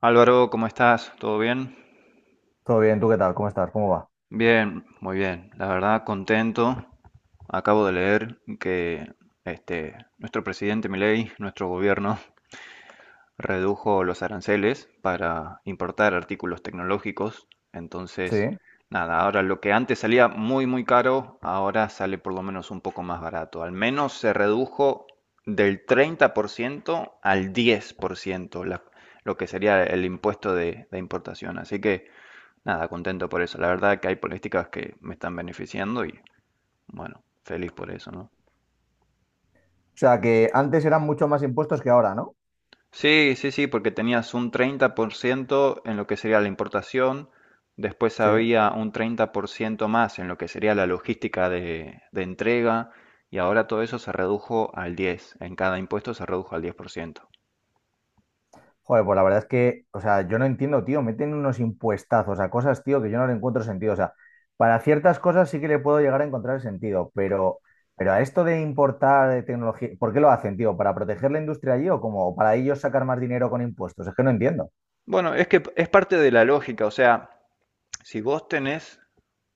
Álvaro, ¿cómo estás? ¿Todo bien? Todo bien, ¿tú qué tal? ¿Cómo estás? ¿Cómo va? Bien, muy bien. La verdad, contento. Acabo de leer que nuestro presidente Milei, nuestro gobierno, redujo los aranceles para importar artículos tecnológicos. Sí. Entonces, O nada, ahora lo que antes salía muy, muy caro, ahora sale por lo menos un poco más barato. Al menos se redujo del 30% al 10%, lo que sería el impuesto de importación. Así que. Nada, contento por eso. La verdad que hay políticas que me están beneficiando y bueno, feliz por eso, ¿no? sea, que antes eran mucho más impuestos que ahora, ¿no? Sí, sí, sí, porque tenías un 30% en lo que sería la importación, después Sí. había un 30% más en lo que sería la logística de entrega, y ahora todo eso se redujo al 10%, en cada impuesto se redujo al 10%. Joder, pues la verdad es que, o sea, yo no entiendo, tío, meten unos impuestazos a cosas, tío, que yo no le encuentro sentido. O sea, para ciertas cosas sí que le puedo llegar a encontrar el sentido, pero a esto de importar tecnología, ¿por qué lo hacen, tío? ¿Para proteger la industria allí o como para ellos sacar más dinero con impuestos? Es que no entiendo. Bueno, es que es parte de la lógica. O sea, si vos tenés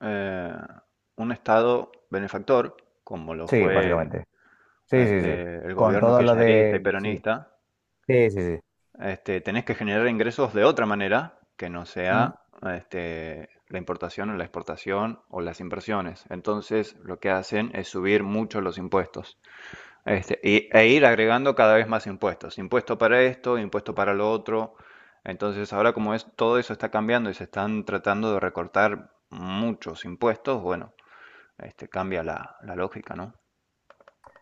eh, un estado benefactor, como lo Sí, fue básicamente. Sí, sí, sí. El Con gobierno todo lo kirchnerista y de... Sí, peronista, sí, sí, sí. Tenés que generar ingresos de otra manera que no ¿Mm? sea la importación o la exportación o las inversiones. Entonces, lo que hacen es subir mucho los impuestos e ir agregando cada vez más impuestos. Impuesto para esto, impuesto para lo otro. Entonces, ahora como es, todo eso está cambiando y se están tratando de recortar muchos impuestos. Bueno, cambia la lógica, ¿no?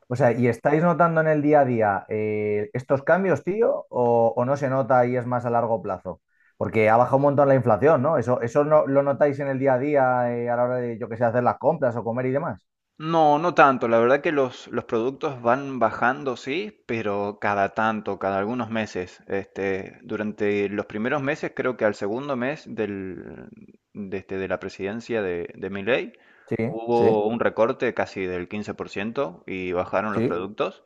O sea, ¿y estáis notando en el día a día estos cambios, tío? O, ¿o no se nota y es más a largo plazo? Porque ha bajado un montón la inflación, ¿no? ¿Eso, eso no, lo notáis en el día a día a la hora de, yo qué sé, hacer las compras o comer y demás? No, no tanto. La verdad que los productos van bajando, sí, pero cada tanto, cada algunos meses. Durante los primeros meses, creo que al segundo mes de la presidencia de Milei, Sí, sí, hubo un recorte casi del 15% y bajaron los sí, productos.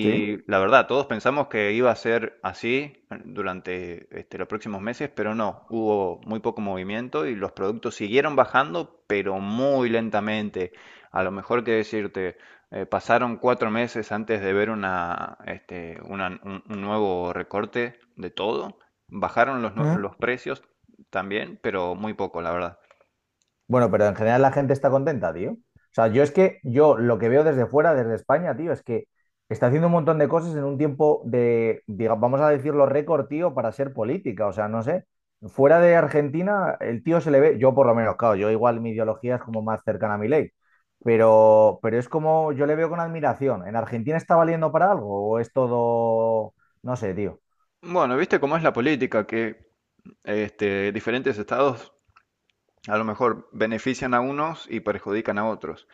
sí. la verdad, todos pensamos que iba a ser así durante los próximos meses, pero no, hubo muy poco movimiento y los productos siguieron bajando, pero muy lentamente. A lo mejor, que decirte, pasaron 4 meses antes de ver una, este, una- un nuevo recorte de todo. Bajaron Mm. los precios también, pero muy poco, la verdad. Bueno, pero en general la gente está contenta, tío. O sea, yo es que yo lo que veo desde fuera, desde España, tío, es que está haciendo un montón de cosas en un tiempo de, vamos a decirlo, récord, tío, para ser política. O sea, no sé. Fuera de Argentina, el tío se le ve, yo por lo menos, claro, yo igual mi ideología es como más cercana a mi ley. Pero es como yo le veo con admiración. ¿En Argentina está valiendo para algo o es todo, no sé, tío? Bueno, viste cómo es la política, que diferentes estados a lo mejor benefician a unos y perjudican a otros.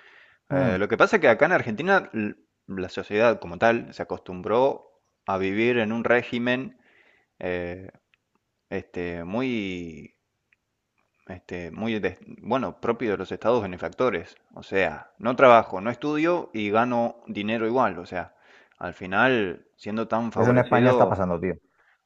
Mm. Lo que pasa es que acá en Argentina la sociedad como tal se acostumbró a vivir en un régimen eh, muy, muy bueno, propio de los estados benefactores. O sea, no trabajo, no estudio y gano dinero igual. O sea, al final, siendo tan Eso en España está favorecido, pasando, tío.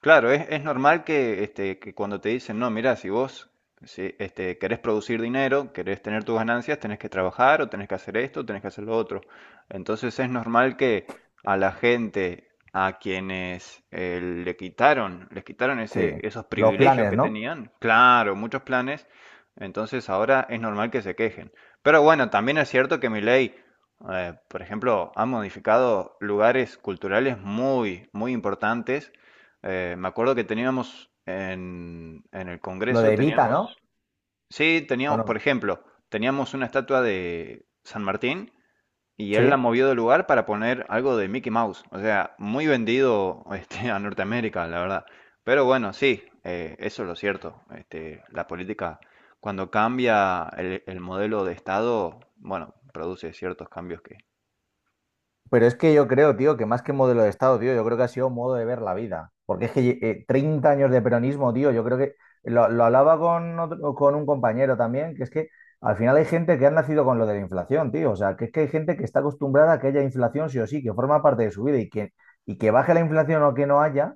claro, es normal que, que cuando te dicen, no, mira, si vos si, este, querés producir dinero, querés tener tus ganancias, tenés que trabajar o tenés que hacer esto, tenés que hacer lo otro. Entonces es normal que a la gente a quienes le quitaron, les quitaron Sí. ese, esos Los privilegios planes, que ¿no? tenían, claro, muchos planes. Entonces ahora es normal que se quejen. Pero bueno, también es cierto que mi ley por ejemplo, ha modificado lugares culturales muy, muy importantes. Me acuerdo que teníamos en el Lo Congreso, de Evita, ¿no? teníamos, sí, ¿O teníamos, no? por ejemplo, teníamos una estatua de San Martín y él la Sí. movió de lugar para poner algo de Mickey Mouse. O sea, muy vendido a Norteamérica, la verdad. Pero bueno, sí, eso es lo cierto. La política, cuando cambia el modelo de Estado, bueno, produce ciertos cambios que. Pero es que yo creo, tío, que más que modelo de Estado, tío, yo creo que ha sido modo de ver la vida. Porque es que 30 años de peronismo, tío, yo creo que lo hablaba con, con un compañero también, que es que al final hay gente que ha nacido con lo de la inflación, tío. O sea, que es que hay gente que está acostumbrada a que haya inflación sí o sí, que forma parte de su vida y que baje la inflación o que no haya,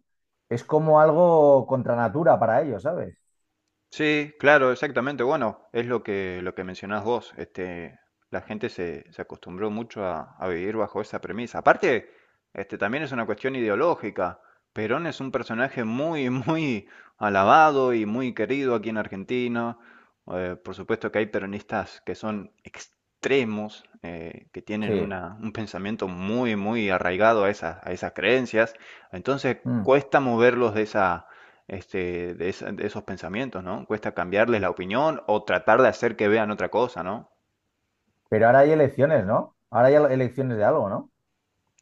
es como algo contra natura para ellos, ¿sabes? Sí, claro, exactamente. Bueno, es lo que mencionás vos. La gente se acostumbró mucho a vivir bajo esa premisa. Aparte, también es una cuestión ideológica. Perón es un personaje muy, muy alabado y muy querido aquí en Argentina. Por supuesto que hay peronistas que son extremos, que tienen Sí. una, un pensamiento muy, muy arraigado a esas creencias. Entonces, Mm. cuesta moverlos de esa de esos pensamientos, ¿no? Cuesta cambiarles la opinión o tratar de hacer que vean otra cosa, ¿no? Pero ahora hay elecciones, ¿no? Ahora hay elecciones de algo, ¿no?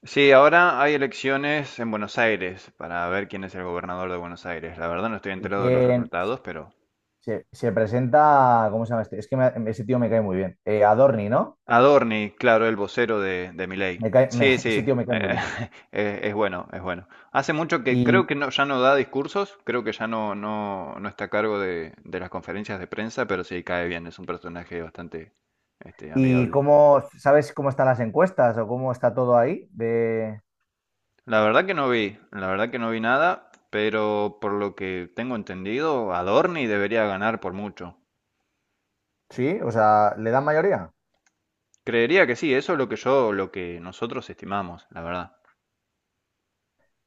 Sí, ahora hay elecciones en Buenos Aires para ver quién es el gobernador de Buenos Aires. La verdad, no estoy ¿Y enterado de los quién, resultados, pero. se presenta, cómo se llama este? Es que ese tío me cae muy bien. Adorni, ¿no? Adorni, claro, el vocero de Milei. Me cae, Sí, ese sí, tío me cae muy eh, bien. Es bueno, es bueno. Hace mucho que creo ¿Y, que no, ya no da discursos, creo que ya no, no, está a cargo de las conferencias de prensa, pero sí cae bien, es un personaje bastante y amigable. cómo, sabes cómo están las encuestas o cómo está todo ahí? De... La verdad que no vi, la verdad que no vi nada, pero por lo que tengo entendido, Adorni debería ganar por mucho. Sí, o sea, ¿le dan mayoría? Creería que sí, eso es lo que yo, lo que nosotros estimamos, la verdad.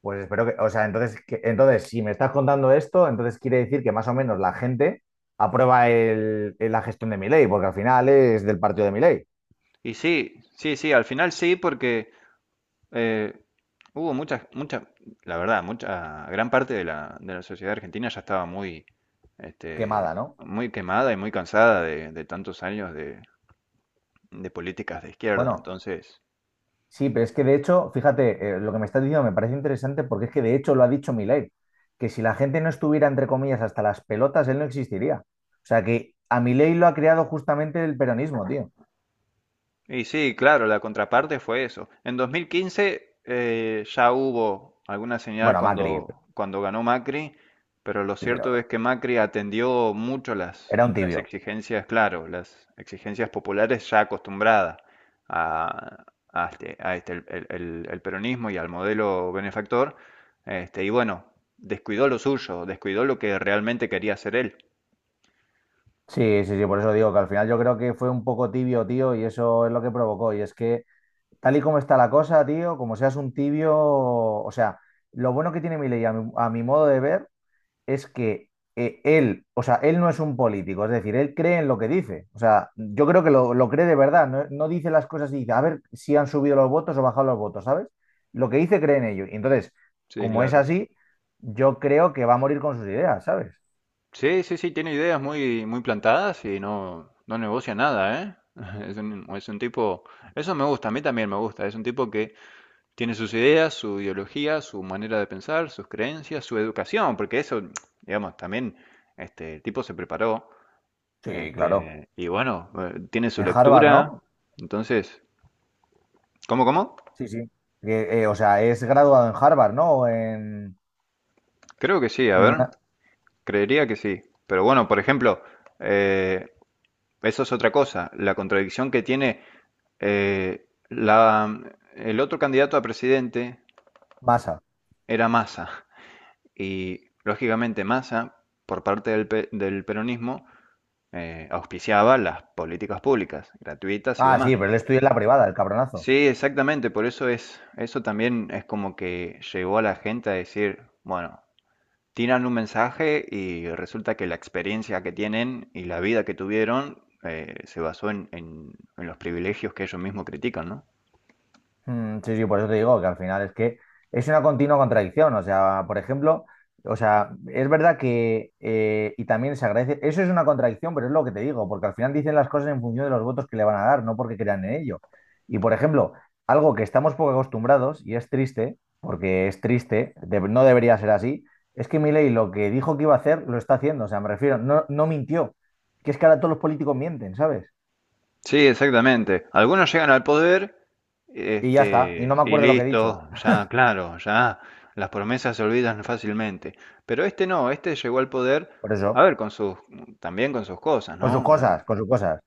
Pues espero que, o sea, entonces, entonces, si me estás contando esto, entonces quiere decir que más o menos la gente aprueba la gestión de mi porque al final es del partido de mi. Y sí, sí, sí, al final sí, porque eh, hubo muchas, muchas, la verdad, mucha, gran parte de de la sociedad argentina ya estaba muy, Quemada, ¿no? muy quemada y muy cansada de tantos años de políticas de izquierda. Bueno. Entonces, Sí, pero es que de hecho, fíjate, lo que me estás diciendo me parece interesante porque es que de hecho lo ha dicho Milei, que si la gente no estuviera, entre comillas, hasta las pelotas, él no existiría. O sea que a Milei lo ha creado justamente el peronismo, tío. y sí, claro, la contraparte fue eso. En 2015 ya hubo alguna señal Bueno, Macri, cuando, cuando ganó Macri, pero lo sí, cierto pero es que Macri atendió mucho era un las tibio. exigencias, claro, las exigencias populares ya acostumbradas a, a el peronismo y al modelo benefactor. Y bueno, descuidó lo suyo, descuidó lo que realmente quería hacer él. Sí, sí, sí, por eso digo que al final yo creo que fue un poco tibio, tío, y eso es lo que provocó. Y es que tal y como está la cosa, tío, como seas un tibio, o sea, lo bueno que tiene Milei a mi modo de ver es que él, o sea, él no es un político, es decir, él cree en lo que dice. O sea, yo creo que lo cree de verdad, no, no dice las cosas y dice, a ver si han subido los votos o bajado los votos, ¿sabes? Lo que dice cree en ello. Y entonces, Sí, como es claro. así, yo creo que va a morir con sus ideas, ¿sabes? Sí, sí, sí, tiene ideas muy, muy plantadas y no, no negocia nada, ¿eh? Es un tipo, eso me gusta, a mí también me gusta, es un tipo que tiene sus ideas, su ideología, su manera de pensar, sus creencias, su educación, porque eso, digamos, también, el tipo se preparó, Sí, claro. Tiene su En Harvard, lectura. ¿no? Entonces, ¿cómo, cómo? Sí, sí. Que, o sea, es graduado en Harvard, ¿no? O Creo que sí, a en ver, una creería que sí, pero bueno, por ejemplo, eh, eso es otra cosa. La contradicción que tiene eh, la, el otro candidato a presidente masa. era Massa. Y lógicamente Massa, por parte del peronismo, auspiciaba las políticas públicas, gratuitas y Ah, sí, demás. pero él estudia en la privada, el cabronazo. Sí, exactamente. Por eso es, eso también es como que llegó a la gente a decir, bueno, tiran un mensaje y resulta que la experiencia que tienen y la vida que tuvieron se basó en, en los privilegios que ellos mismos critican, ¿no? Mm, sí, sí, por eso te digo que al final es que es una continua contradicción. O sea, por ejemplo, o sea, es verdad que, y también se agradece, eso es una contradicción, pero es lo que te digo, porque al final dicen las cosas en función de los votos que le van a dar, no porque crean en ello. Y por ejemplo, algo que estamos poco acostumbrados, y es triste, porque es triste, no debería ser así, es que Milei lo que dijo que iba a hacer, lo está haciendo. O sea, me refiero, no, no mintió. Que es que ahora todos los políticos mienten, ¿sabes? Sí, exactamente. Algunos llegan al poder, Y ya está, y no me y acuerdo lo que he dicho. listo, ya, claro, ya las promesas se olvidan fácilmente. Pero este no, este llegó al poder, Por eso, a ver, con sus, también con sus cosas, con sus ¿no? cosas, con sus cosas.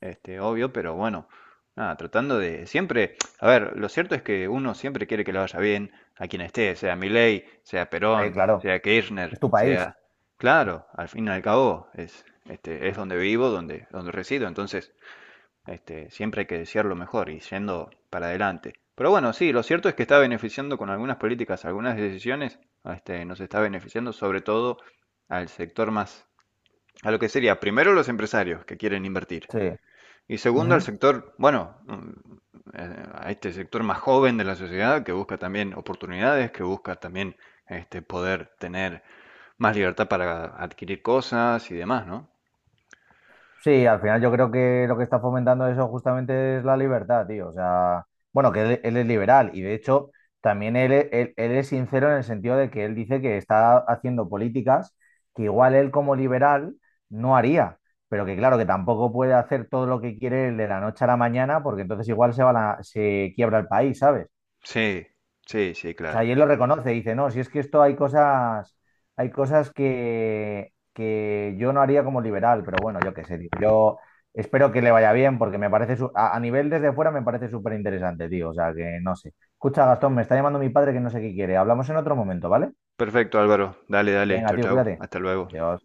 Obvio, pero bueno, nada, tratando de siempre. A ver, lo cierto es que uno siempre quiere que le vaya bien a quien esté, sea Milei, sea Perón, Claro, sea Kirchner, es tu país. sea, claro, al fin y al cabo es, es donde vivo, donde, donde resido. Entonces, siempre hay que desear lo mejor y yendo para adelante. Pero bueno, sí, lo cierto es que está beneficiando con algunas políticas, algunas decisiones, nos está beneficiando sobre todo al sector más, a lo que sería primero los empresarios que quieren invertir. Sí. Y segundo, al Ujú. sector, bueno, a este sector más joven de la sociedad que busca también oportunidades, que busca también poder tener más libertad para adquirir cosas y demás, ¿no? Sí, al final yo creo que lo que está fomentando eso justamente es la libertad, tío. O sea, bueno, que él es liberal y de hecho también él es sincero en el sentido de que él dice que está haciendo políticas que igual él como liberal no haría, pero que claro, que tampoco puede hacer todo lo que quiere él de la noche a la mañana porque entonces igual se quiebra el país, ¿sabes? Sí, sí, sí, O sea, claro. y él lo reconoce, dice, no, si es que esto hay cosas que yo no haría como liberal, pero bueno, yo qué sé, tío. Yo espero que le vaya bien porque me parece, a nivel desde fuera me parece súper interesante, tío. O sea, que no sé. Escucha, Gastón, me está llamando mi padre que no sé qué quiere. Hablamos en otro momento, ¿vale? Perfecto, Álvaro. Dale, dale. Venga, Chau, tío, chau. cuídate. Hasta luego. Adiós.